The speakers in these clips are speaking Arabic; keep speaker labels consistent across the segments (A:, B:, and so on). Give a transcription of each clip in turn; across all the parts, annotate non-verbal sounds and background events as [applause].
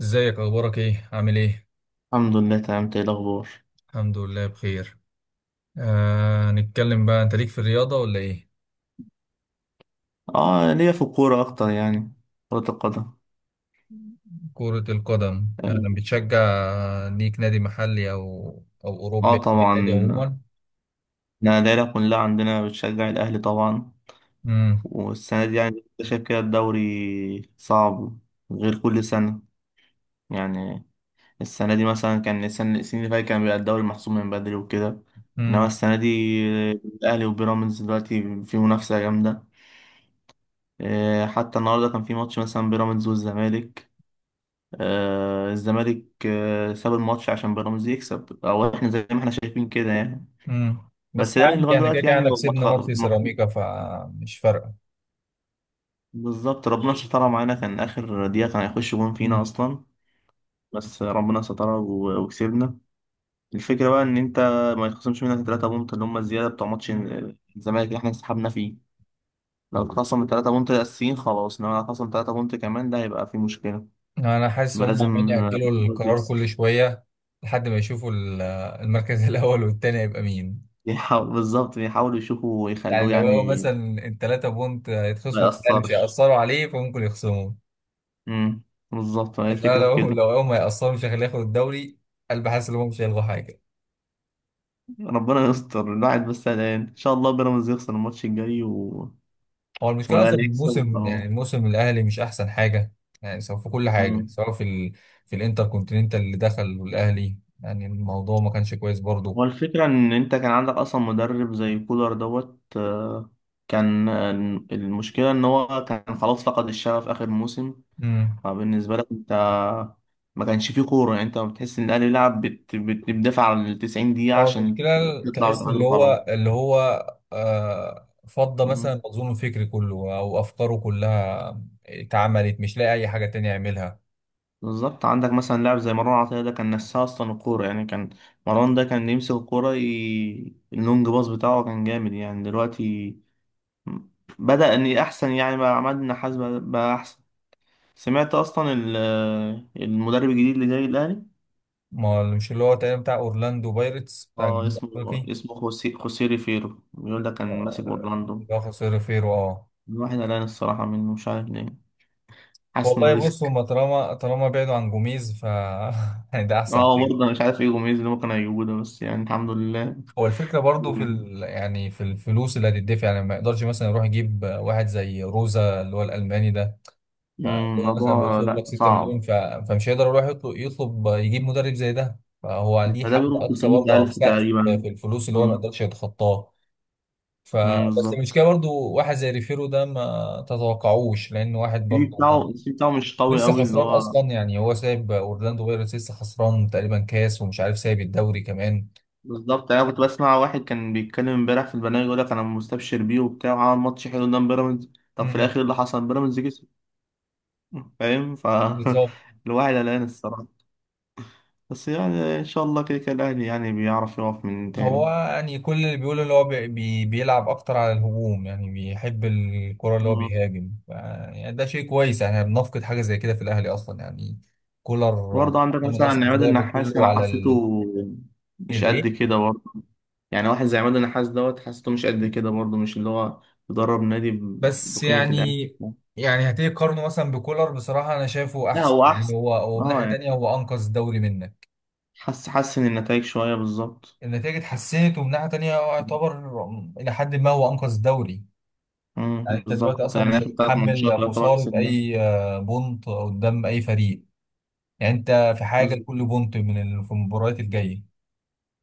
A: ازيك، اخبارك ايه، عامل ايه؟
B: الحمد لله تمام، إنت ايه الاخبار؟
A: الحمد لله بخير. نتكلم بقى، انت ليك في الرياضة ولا ايه؟
B: اه ليا في الكوره اكتر، يعني كره القدم.
A: كرة القدم انا
B: اه.
A: بتشجع. ليك نادي محلي او اوروبي،
B: آه
A: أو ليك نادي
B: طبعا.
A: عموما؟
B: انا العيله كلها عندنا بتشجع الاهلي طبعا.
A: امم.
B: والسنه دي يعني أنت شايف كده الدوري صعب غير كل سنه، يعني السنه دي مثلا كان السنين اللي فاتت كان بيبقى الدوري محسوم من بدري وكده، انما
A: امم.
B: السنه دي الاهلي وبيراميدز دلوقتي في منافسه جامده. حتى النهارده كان في ماتش مثلا بيراميدز والزمالك. الزمالك ساب الماتش عشان بيراميدز يكسب، او احنا زي ما احنا شايفين كده يعني.
A: امم.
B: بس
A: بس
B: الاهلي
A: عادي،
B: لغايه
A: يعني كده
B: دلوقتي
A: كده
B: يعني
A: احنا
B: لو ما
A: كسبنا ماتش سيراميكا فمش فارقة.
B: بالظبط ربنا سترها معانا، كان اخر دقيقه كان هيخش جون فينا
A: امم.
B: اصلا. بس ربنا سترها وكسبنا. الفكره بقى ان انت ما يتخصمش منك ال3 بونت اللي هم الزياده بتوع ماتش الزمالك اللي احنا انسحبنا فيه. لو اتخصم ال3 بونت الاساسيين خلاص، انما لو اتخصم 3 بونت كمان ده هيبقى في مشكله.
A: انا حاسس
B: ما
A: هم عمالين
B: لازم [laughs]
A: يأجلوا القرار كل شوية. لحد ما يشوفوا المركز [laughs] الاول والتاني هيبقى مين.
B: بالظبط يحاولوا يشوفوا
A: يعني
B: ويخلوه
A: لو
B: يعني
A: مثلا التلاتة بونت
B: ما
A: هيتخصموا بالأهلي، مش
B: يأثرش.
A: هيأثروا عليه فممكن يخصموا.
B: امم بالظبط، هي
A: إنما
B: الفكرة في
A: لو
B: كده.
A: لو هم هيأثروا مش هيخليه ياخد الدوري. أنا حاسس إن هم مش هيلغوا حاجة.
B: ربنا يستر، الواحد بس قلقان ان شاء الله بيراميدز يخسر الماتش الجاي
A: هو المشكلة أصلا
B: والاهلي يكسب
A: الموسم، يعني
B: اهو.
A: الموسم الأهلي مش أحسن حاجة. يعني سواء في كل حاجة،
B: أمم.
A: سواء في في الإنتر كونتيننتال اللي دخل والأهلي. يعني الموضوع ما كانش كويس برضه.
B: هو الفكرة ان انت كان عندك اصلا مدرب زي كولر دوت كان آه، المشكلة ان هو كان خلاص فقد الشغف اخر موسم.
A: امم.
B: فبالنسبة لك انت ما كانش فيه كورة، يعني انت بتحس ان الاهلي لعب بتدافع على ال 90 دقيقة
A: هو
B: عشان
A: المشكلة
B: تطلع
A: تحس
B: وتعادل
A: اللي
B: وخلاص.
A: هو اللي هو فضى مثلا
B: مم.
A: مخزون فكري كله أو أفكاره كلها اتعملت مش لاقي أي حاجة تانية يعملها.
B: بالظبط عندك مثلا لاعب زي مروان عطية، ده كان نساه أصلا الكورة يعني. كان مروان ده كان يمسك الكورة. اللونج باص بتاعه كان جامد يعني. دلوقتي بدأ إن أحسن يعني، بقى عماد النحاس بقى أحسن. سمعت أصلا المدرب الجديد اللي جاي الأهلي.
A: ما اللي- مش اللي هو تقريبا بتاع اورلاندو بايرتس بتاع
B: اه
A: الجنوب
B: اسمه،
A: الافريقي.
B: اسمه خوسيه ريفيرو، بيقول ده كان ماسك
A: آه،
B: أورلاندو.
A: اللي هو خسر فيرو اه.
B: الواحد قلقان الصراحة منه، مش عارف ليه، حاسس إنه
A: والله بص،
B: ريسك.
A: هما طالما بعدوا عن جوميز ف [laughs] يعني ده احسن
B: اه برضه
A: حاجه.
B: أنا مش عارف إيه جوميز اللي ممكن هيجيبوه ده، بس يعني الحمد لله.
A: هو الفكره برضو في يعني في الفلوس اللي هتدفع، يعني ما يقدرش مثلا يروح يجيب واحد زي روزا اللي هو الالماني ده. فهو
B: مم،
A: مثلا
B: الموضوع
A: بيطلب
B: لأ
A: لك 6 مليون
B: صعب.
A: فمش هيقدر يروح يطلب يجيب مدرب زي ده، فهو
B: ما
A: ليه
B: ده
A: حد
B: بيقول
A: اقصى برضه او
B: 300,000
A: سقف
B: تقريبا.
A: في الفلوس اللي هو ما
B: امم.
A: يقدرش يتخطاه. فبس المشكله
B: بالظبط.
A: برضو واحد زي ريفيرو ده ما تتوقعوش لان واحد
B: السي في
A: برضو ما.
B: بتاعه السي في بتاعه مش قوي
A: لسه
B: قوي اللي
A: خسران
B: هو...
A: اصلا، يعني هو سايب اورلاندو بايرتس لسه خسران تقريبا كاس ومش عارف سايب الدوري كمان.
B: بالظبط. يعني انا كنت بسمع واحد كان بيتكلم امبارح في البرنامج، يقول لك انا مستبشر بيه وبتاع، وعمل ماتش حلو قدام بيراميدز. طب في الاخر
A: امم،
B: إيه اللي حصل؟ بيراميدز كسب. فاهم ف
A: بالظبط.
B: [laughs] الواحد قلقان الصراحه. بس يعني ان شاء الله كده كده الاهلي يعني بيعرف يقف من
A: هو
B: تاني.
A: يعني كل اللي بيقوله اللي هو بيلعب اكتر على الهجوم، يعني بيحب الكرة اللي هو
B: مم.
A: بيهاجم يعني ده شيء كويس، يعني احنا بنفقد حاجة زي كده في الاهلي اصلا يعني. كولر
B: برضه عندك
A: معتمد
B: مثلا
A: اصلا في
B: عماد
A: لعبه
B: النحاس
A: كله
B: انا
A: على.
B: حسيته مش
A: الايه؟
B: قد كده برضه. يعني واحد زي عماد النحاس دوت حاسته مش قد كده برضه، مش اللي هو بيدرب نادي
A: بس
B: بقيمة الأهلي.
A: يعني. يعني هتيجي تقارنه مثلا بكولر، بصراحة أنا شايفه
B: لا
A: أحسن
B: هو
A: يعني
B: أحسن،
A: هو من
B: اه
A: ناحية
B: يعني
A: تانية هو أنقذ الدوري منك.
B: حسن النتائج شوية، بالظبط.
A: النتائج اتحسنت، ومن ناحية تانية هو يعتبر إلى حد ما هو أنقذ الدوري. يعني أنت دلوقتي
B: بالظبط،
A: أصلا
B: يعني
A: مش
B: آخر 3 ماتشات
A: هتتحمل
B: يعتبر
A: خسارة
B: كسبناهم.
A: أي بونت قدام أي فريق. يعني أنت في حاجة
B: بالظبط.
A: لكل بونت في المباريات الجاية.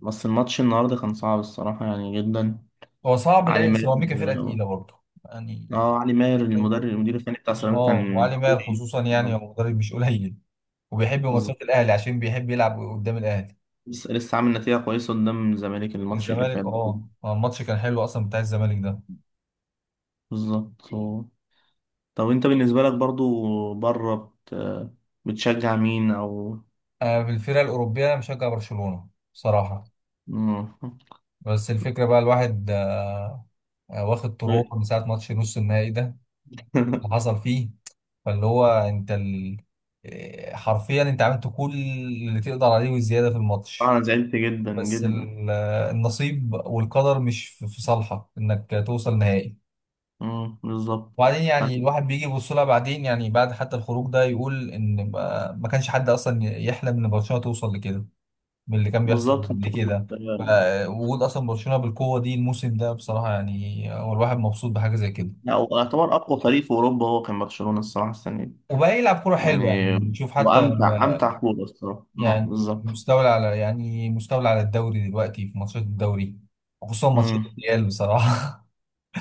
B: بس الماتش النهاردة كان صعب الصراحة يعني جدا.
A: هو صعب
B: علي
A: لأن
B: ماهر.
A: سيراميكا فرقة تقيلة برضه يعني.
B: اه علي ماهر المدرب المدير الفني بتاع سيراميكا
A: وعلي
B: كان
A: ماهر
B: قوي.
A: خصوصا، يعني هو مدرب مش قليل، وبيحب
B: بالظبط.
A: ماتشات الأهلي عشان بيحب يلعب قدام الأهلي.
B: لسه لسه عامل نتيجة كويسة قدام الزمالك الماتش اللي
A: الزمالك
B: فات ده.
A: الماتش كان حلو اصلا بتاع الزمالك ده.
B: بالظبط. طب انت بالنسبة لك برضو بره بتشجع مين او...
A: في الفرق الاوروبيه انا مشجع برشلونه بصراحه.
B: مم.
A: بس الفكره بقى، الواحد واخد طروق من ساعه ماتش نص النهائي ده اللي
B: [laughs]
A: حصل فيه. فاللي هو انت ال... آه، حرفيا انت عملت كل اللي تقدر عليه وزياده في الماتش.
B: انا زعلت جدا
A: بس
B: جدا.
A: النصيب والقدر مش في صالحك انك توصل نهائي.
B: مم، بالظبط.
A: وبعدين يعني
B: أنا-
A: الواحد بيجي يبص لها بعدين، يعني بعد حتى الخروج ده يقول ان ما كانش حد اصلا يحلم ان برشلونه توصل لكده من اللي كان بيحصل
B: بالظبط
A: قبل
B: انت كنت...
A: كده. فوجود اصلا برشلونه بالقوه دي الموسم ده بصراحه، يعني هو الواحد مبسوط بحاجه زي كده.
B: لا، هو يعتبر اقوى فريق في اوروبا، هو كان برشلونة الصراحة السنة دي
A: وبقى يلعب كوره
B: يعني.
A: حلوه يعني. نشوف حتى
B: وامتع
A: لما-
B: امتع كورة الصراحة. مم،
A: يعني
B: بالظبط.
A: مستولى على الدوري دلوقتي في ماتشات الدوري، وخصوصا ماتشات
B: مم.
A: الريال بصراحه.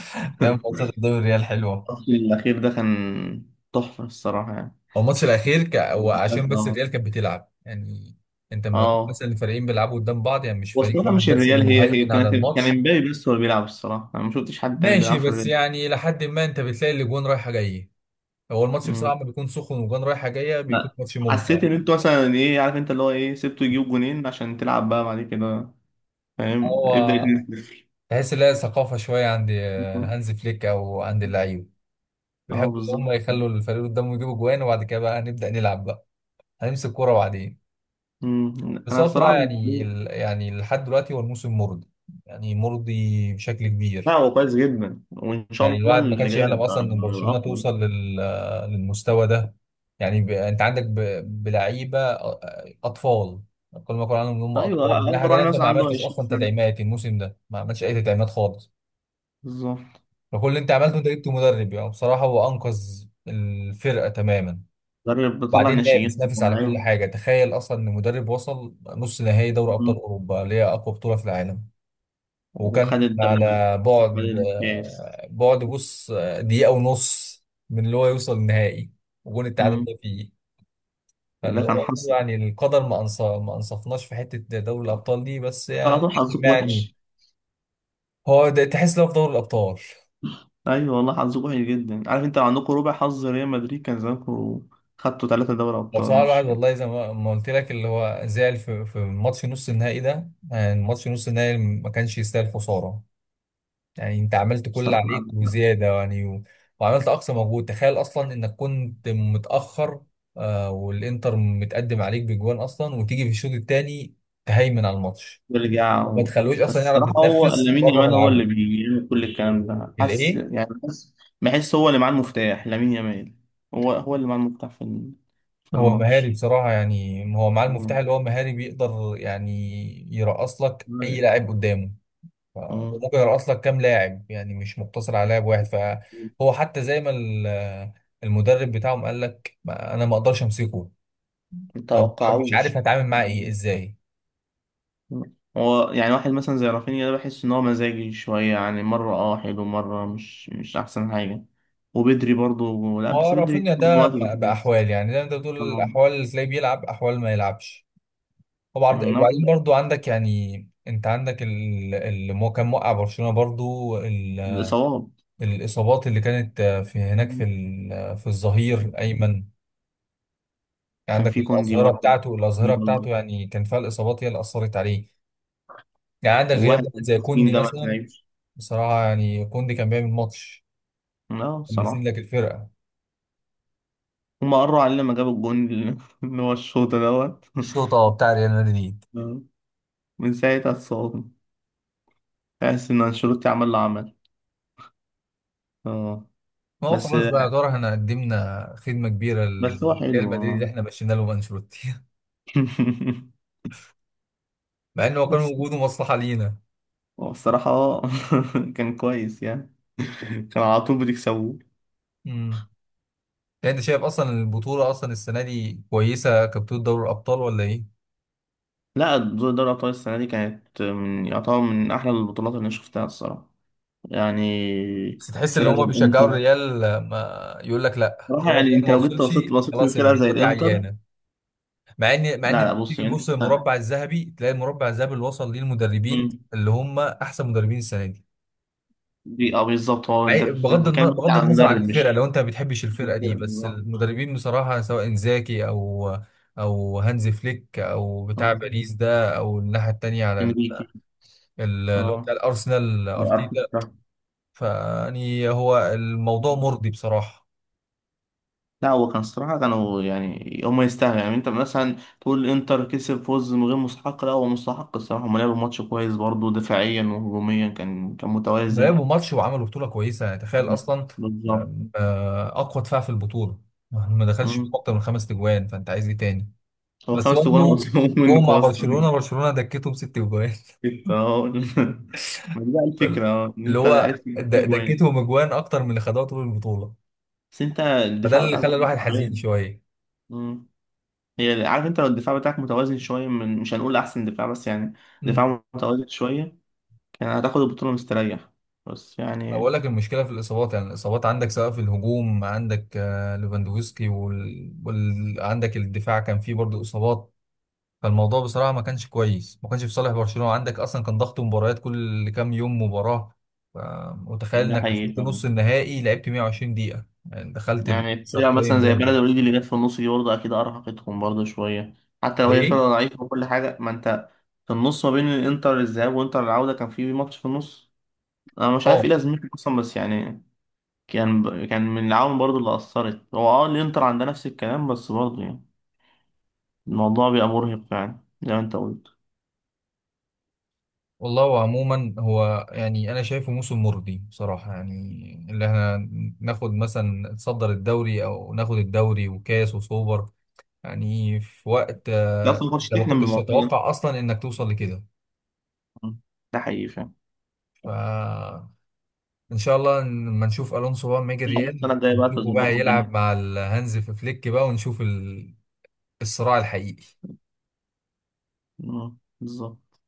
A: [laughs]
B: [laughs]
A: فاهم، ماتشات
B: الماتش
A: الدوري الريال حلوه.
B: الاخير ده كان تحفة الصراحة يعني.
A: هو الماتش الاخير هو عشان بس الريال كانت بتلعب يعني. انت لما يكون
B: اه.
A: مثلا الفريقين بيلعبوا قدام بعض، يعني مش فريق
B: والصراحة
A: واحد
B: مش
A: بس اللي
B: الريال، هي هي
A: مهيمن على
B: كانت كان
A: الماتش.
B: امبابي بس هو اللي بيلعب الصراحة، أنا ما شفتش حد تاني بيلعب
A: ماشي،
B: في
A: بس
B: الريال.
A: يعني لحد ما انت بتلاقي الاجوان رايحه جايه. هو الماتش
B: مم.
A: بصراحة لما بيكون سخن وجوان رايحة جاية بيكون
B: لا
A: ماتش ممتع
B: حسيت إن
A: يعني.
B: أنتوا مثلا إيه، عارف أنت اللي هو إيه سبته يجيب جونين عشان تلعب بقى بعد كده. فاهم، ابدأ
A: هو
B: 2-0.
A: تحس إن هي ثقافة شوية عند هانز فليك أو عند اللعيبة.
B: أه
A: بيحبوا إن
B: بالظبط.
A: هم يخلوا الفريق اللي قدامهم يجيبوا جوان، وبعد كده بقى نبدأ نلعب بقى. هنمسك كورة بعدين.
B: مم.
A: بس
B: أنا
A: هو بصراحة
B: الصراحة بالنسبة
A: يعني
B: لي-
A: يعني لحد دلوقتي هو الموسم مرضي، يعني مرضي بشكل
B: لا
A: كبير.
B: هو كويس جدا، وإن شاء
A: يعني
B: الله
A: الواحد ما
B: اللي
A: كانش
B: جاي
A: يحلم
B: هيبقى
A: اصلا ان برشلونه
B: أفضل.
A: توصل للمستوى ده. يعني انت عندك بلعيبه اطفال. كل ما اقول عنهم ان هم اطفال، من
B: أيوه
A: ناحيه
B: أكبر
A: تانيه
B: واحد
A: انت
B: مثلا
A: ما
B: عنده
A: عملتش
B: 20
A: اصلا
B: سنة.
A: تدعيمات الموسم ده، ما عملتش اي تدعيمات خالص.
B: بالظبط،
A: فكل اللي انت عملته انت جبت مدرب، يعني بصراحه هو انقذ الفرقه تماما.
B: مدرب بيطلع
A: وبعدين نافس
B: ناشئين.
A: نافس على كل
B: أيوه.
A: حاجه، تخيل اصلا ان مدرب وصل نص نهائي دوري ابطال
B: مم.
A: اوروبا اللي هي اقوى بطوله في العالم.
B: وخد
A: وكان
B: الدوري،
A: على
B: خد
A: بعد
B: الكاس.
A: آه، بعد بص آه، دقيقة ونص من اللي هو يوصل النهائي وجون التعادل
B: مم.
A: ده فيه.
B: ده
A: فاللي
B: كان
A: هو
B: حظ،
A: يعني القدر ما أنصفناش في حتة دوري الأبطال دي، بس يعني
B: على طول
A: لحد
B: حظك
A: ما يعني
B: وحش.
A: هو ده تحس لو في دوري الأبطال.
B: ايوه والله حظك وحش جدا. عارف انت لو عندكم ربع حظ ريال مدريد كان زمانكم خدتوا 3 دوري ابطال
A: وبصراحة الواحد
B: مش...
A: والله زي ما قلت لك اللي هو زعل في ماتش نص النهائي ده، يعني ماتش نص النهائي ما كانش يستاهل خسارة. يعني انت عملت كل اللي
B: الصراحة
A: عليك
B: عندك حق.
A: وزياده، يعني وعملت اقصى مجهود، تخيل اصلا انك كنت متاخر والانتر متقدم عليك بجوان اصلا، وتيجي في الشوط الثاني تهيمن على الماتش،
B: يرجع
A: ما
B: و...
A: تخلوش
B: بس
A: اصلا يعرف
B: الصراحة هو
A: يتنفس
B: لامين
A: بره
B: يامال هو اللي
A: ملعبه.
B: بيعمل كل الكلام ده، حاسس
A: الايه؟
B: يعني حاسس. بحس هو اللي معاه المفتاح لامين يامال. هو هو اللي معاه المفتاح في في
A: هو مهاري
B: الماتش.
A: بصراحه، يعني هو معاه المفتاح
B: مم.
A: اللي هو مهاري بيقدر يعني يرقص لك اي
B: مم.
A: لاعب قدامه. ف-
B: مم.
A: وممكن يرقص لك كام لاعب، يعني مش مقتصر على لاعب واحد، فهو حتى زي ما المدرب بتاعهم قال لك انا ما اقدرش امسكه. أو مش عارف
B: متوقعوش.
A: هتعامل معاه ايه ازاي.
B: هو يعني واحد مثلا زي رافينيا ده بحس ان هو مزاجي شويه يعني، مره اه حلو مره مش احسن حاجه. وبدري برضو لا
A: ما هو
B: بس بدري
A: رافينيا ده
B: الوقت ده كويس.
A: بأحوال، يعني ده انت بتقول
B: طبعا.
A: الأحوال، اللي تلاقيه بيلعب أحوال ما يلعبش.
B: نوعا
A: وبعدين برضو عندك، يعني انت عندك كان موقع برشلونة برضو
B: ما الاصابات.
A: الإصابات اللي كانت في هناك في الظهير أيمن يعني.
B: كان
A: عندك
B: في كوندي برضو في
A: الأظهرة بتاعته
B: برضو.
A: يعني كان فيها الإصابات هي اللي أثرت عليه. يعني عندك غياب
B: وواحد
A: واحد
B: من
A: زي
B: المصريين
A: كوندي
B: ده ما
A: مثلا.
B: تلعبش.
A: بصراحة يعني كوندي كان بيعمل ماتش،
B: لا
A: كان بيسند
B: بصراحه.
A: لك الفرقة.
B: هما قروا علينا لما جابوا الجون [laughs] اللي هو الشوط دوت [laughs]
A: الشوطة بتاع ريال مدريد.
B: آه. من ساعتها اتصابنا. تحس ان انشيلوتي عمل له عمل. اه.
A: ما هو
B: بس
A: خلاص بقى، يعتبر احنا قدمنا خدمة كبيرة
B: بس هو
A: لريال
B: حلو
A: مدريد اللي
B: اه
A: احنا مشينا له انشيلوتي [laughs]
B: [laughs]
A: مع انه كان
B: بس
A: وجوده مصلحة لينا.
B: هو الصراحة اه [laughs] كان كويس يعني، كان على طول بتكسبوه.
A: امم. انت شايف اصلا البطولة اصلا السنة دي كويسة كبطولة دوري الابطال ولا ايه؟
B: لا دوري أبطال السنة دي كانت من يعتبر من أحلى البطولات اللي أنا شفتها الصراحة يعني.
A: بس تحس ان
B: فرقة زي
A: هما بيشجعوا
B: الإنتر.
A: الريال، ما يقول لك لا
B: صراحة
A: طالما
B: يعني
A: الريال
B: أنت
A: ما
B: لو جيت
A: وصلش
B: بصيت
A: خلاص
B: لفرقة زي
A: البطولة دي
B: الإنتر.
A: عيانة. مع ان مع
B: لا
A: ان
B: لا
A: تيجي
B: بص يعني
A: تبص
B: أنت...
A: للمربع الذهبي تلاقي المربع الذهبي اللي وصل ليه المدربين
B: مم.
A: اللي هم احسن مدربين السنة دي.
B: دي أه بالظبط، هو أنت
A: بغض النظر
B: بتتكلم بس
A: بغض
B: عن
A: النظر عن
B: مدرب
A: الفرقه،
B: مش...
A: لو انت ما بتحبش
B: مش
A: الفرقه
B: الفرقة
A: دي، بس
B: بالظبط.
A: المدربين بصراحه سواء انزاكي او هانز فليك او بتاع
B: اه
A: باريس ده، او الناحيه التانيه على
B: إنريكي.
A: اللي هو بتاع
B: اه
A: الارسنال ارتيتا.
B: أرتيتا.
A: فيعني هو الموضوع مرضي بصراحه.
B: لا هو كان الصراحة كانوا يعني هما يستاهلوا، يعني انت مثلا تقول انتر كسب فوز من غير مستحق، لا هو مستحق الصراحة، هما لعبوا ماتش كويس برضه دفاعيا وهجوميا، كان
A: ما
B: متوازن.
A: لعبوا ماتش وعملوا بطوله كويسه، يعني تخيل
B: مم.
A: اصلا
B: بالظبط.
A: آم، آه، اقوى دفاع في البطوله ما دخلش فيهم
B: مم.
A: اكتر من خمس تجوان، فانت عايز ايه تاني؟
B: هو
A: بس
B: 5 تجوان [laughs]
A: برضه
B: مصروف
A: جم
B: منك
A: مع برشلونه،
B: اصلا [laughs]
A: برشلونه دكتهم ست تجوان.
B: انت اهو، ما دي بقى الفكرة اه ان
A: اللي
B: انت
A: هو
B: عرفت تجيب فيه جوان.
A: دكتهم اجوان اكتر من اللي خدوها طول البطوله،
B: بس انت
A: فده
B: الدفاع
A: اللي
B: بتاعك
A: خلى
B: برضه
A: الواحد حزين
B: تعبان.
A: شويه.
B: مم. هي، عارف انت لو الدفاع بتاعك متوازن شوية، من مش هنقول احسن دفاع بس يعني
A: امم.
B: دفاع متوازن شوية، كان هتاخد البطولة مستريح، بس
A: ما
B: يعني
A: بقول لك المشكله في الاصابات، يعني الاصابات عندك سواء في الهجوم عندك ليفاندوفسكي عندك الدفاع كان فيه برضه اصابات. فالموضوع بصراحه ما كانش كويس، ما كانش في صالح برشلونه، عندك اصلا كان ضغط مباريات كل كام يوم مباراه. ف- وتخيل
B: ده
A: انك
B: حقيقي
A: وصلت
B: فعلا.
A: نص النهائي لعبت 120 دقيقه، يعني دخلت
B: يعني
A: الاكسترا
B: فرقة
A: تايم
B: مثلا زي
A: برضه.
B: بلد الوليد اللي جت في النص دي برضه أكيد أرهقتهم برضه شوية، حتى لو هي
A: ليه؟
B: فرقة ضعيفة وكل حاجة. ما أنت في النص ما بين الإنتر الذهاب وإنتر العودة كان في ماتش في النص، أنا مش عارف
A: اه،
B: إيه لازمته أصلا بس يعني كان من العوامل برضه اللي أثرت، هو أه الإنتر عندها نفس الكلام بس برضه يعني الموضوع بيبقى مرهق فعلا زي ما أنت قلت.
A: والله وعموما، هو يعني انا شايفه موسم مرضي بصراحه يعني. اللي احنا ناخد مثلا نتصدر الدوري او ناخد الدوري وكاس وسوبر، يعني في وقت
B: أنت أصلا ما كنتش
A: انت ما
B: تحلم
A: كنتش
B: بالموضوع ده،
A: تتوقع اصلا انك توصل لكده.
B: ده حقيقي فعلا.
A: فان شاء الله لما نشوف الونسو بقى، لما يجي
B: السنة
A: الريال
B: الجاية بقى
A: نشوفه
B: تظبطوا
A: بقى
B: الدنيا.
A: يلعب مع الهانز في فليك بقى، ونشوف الصراع الحقيقي
B: أه، بالظبط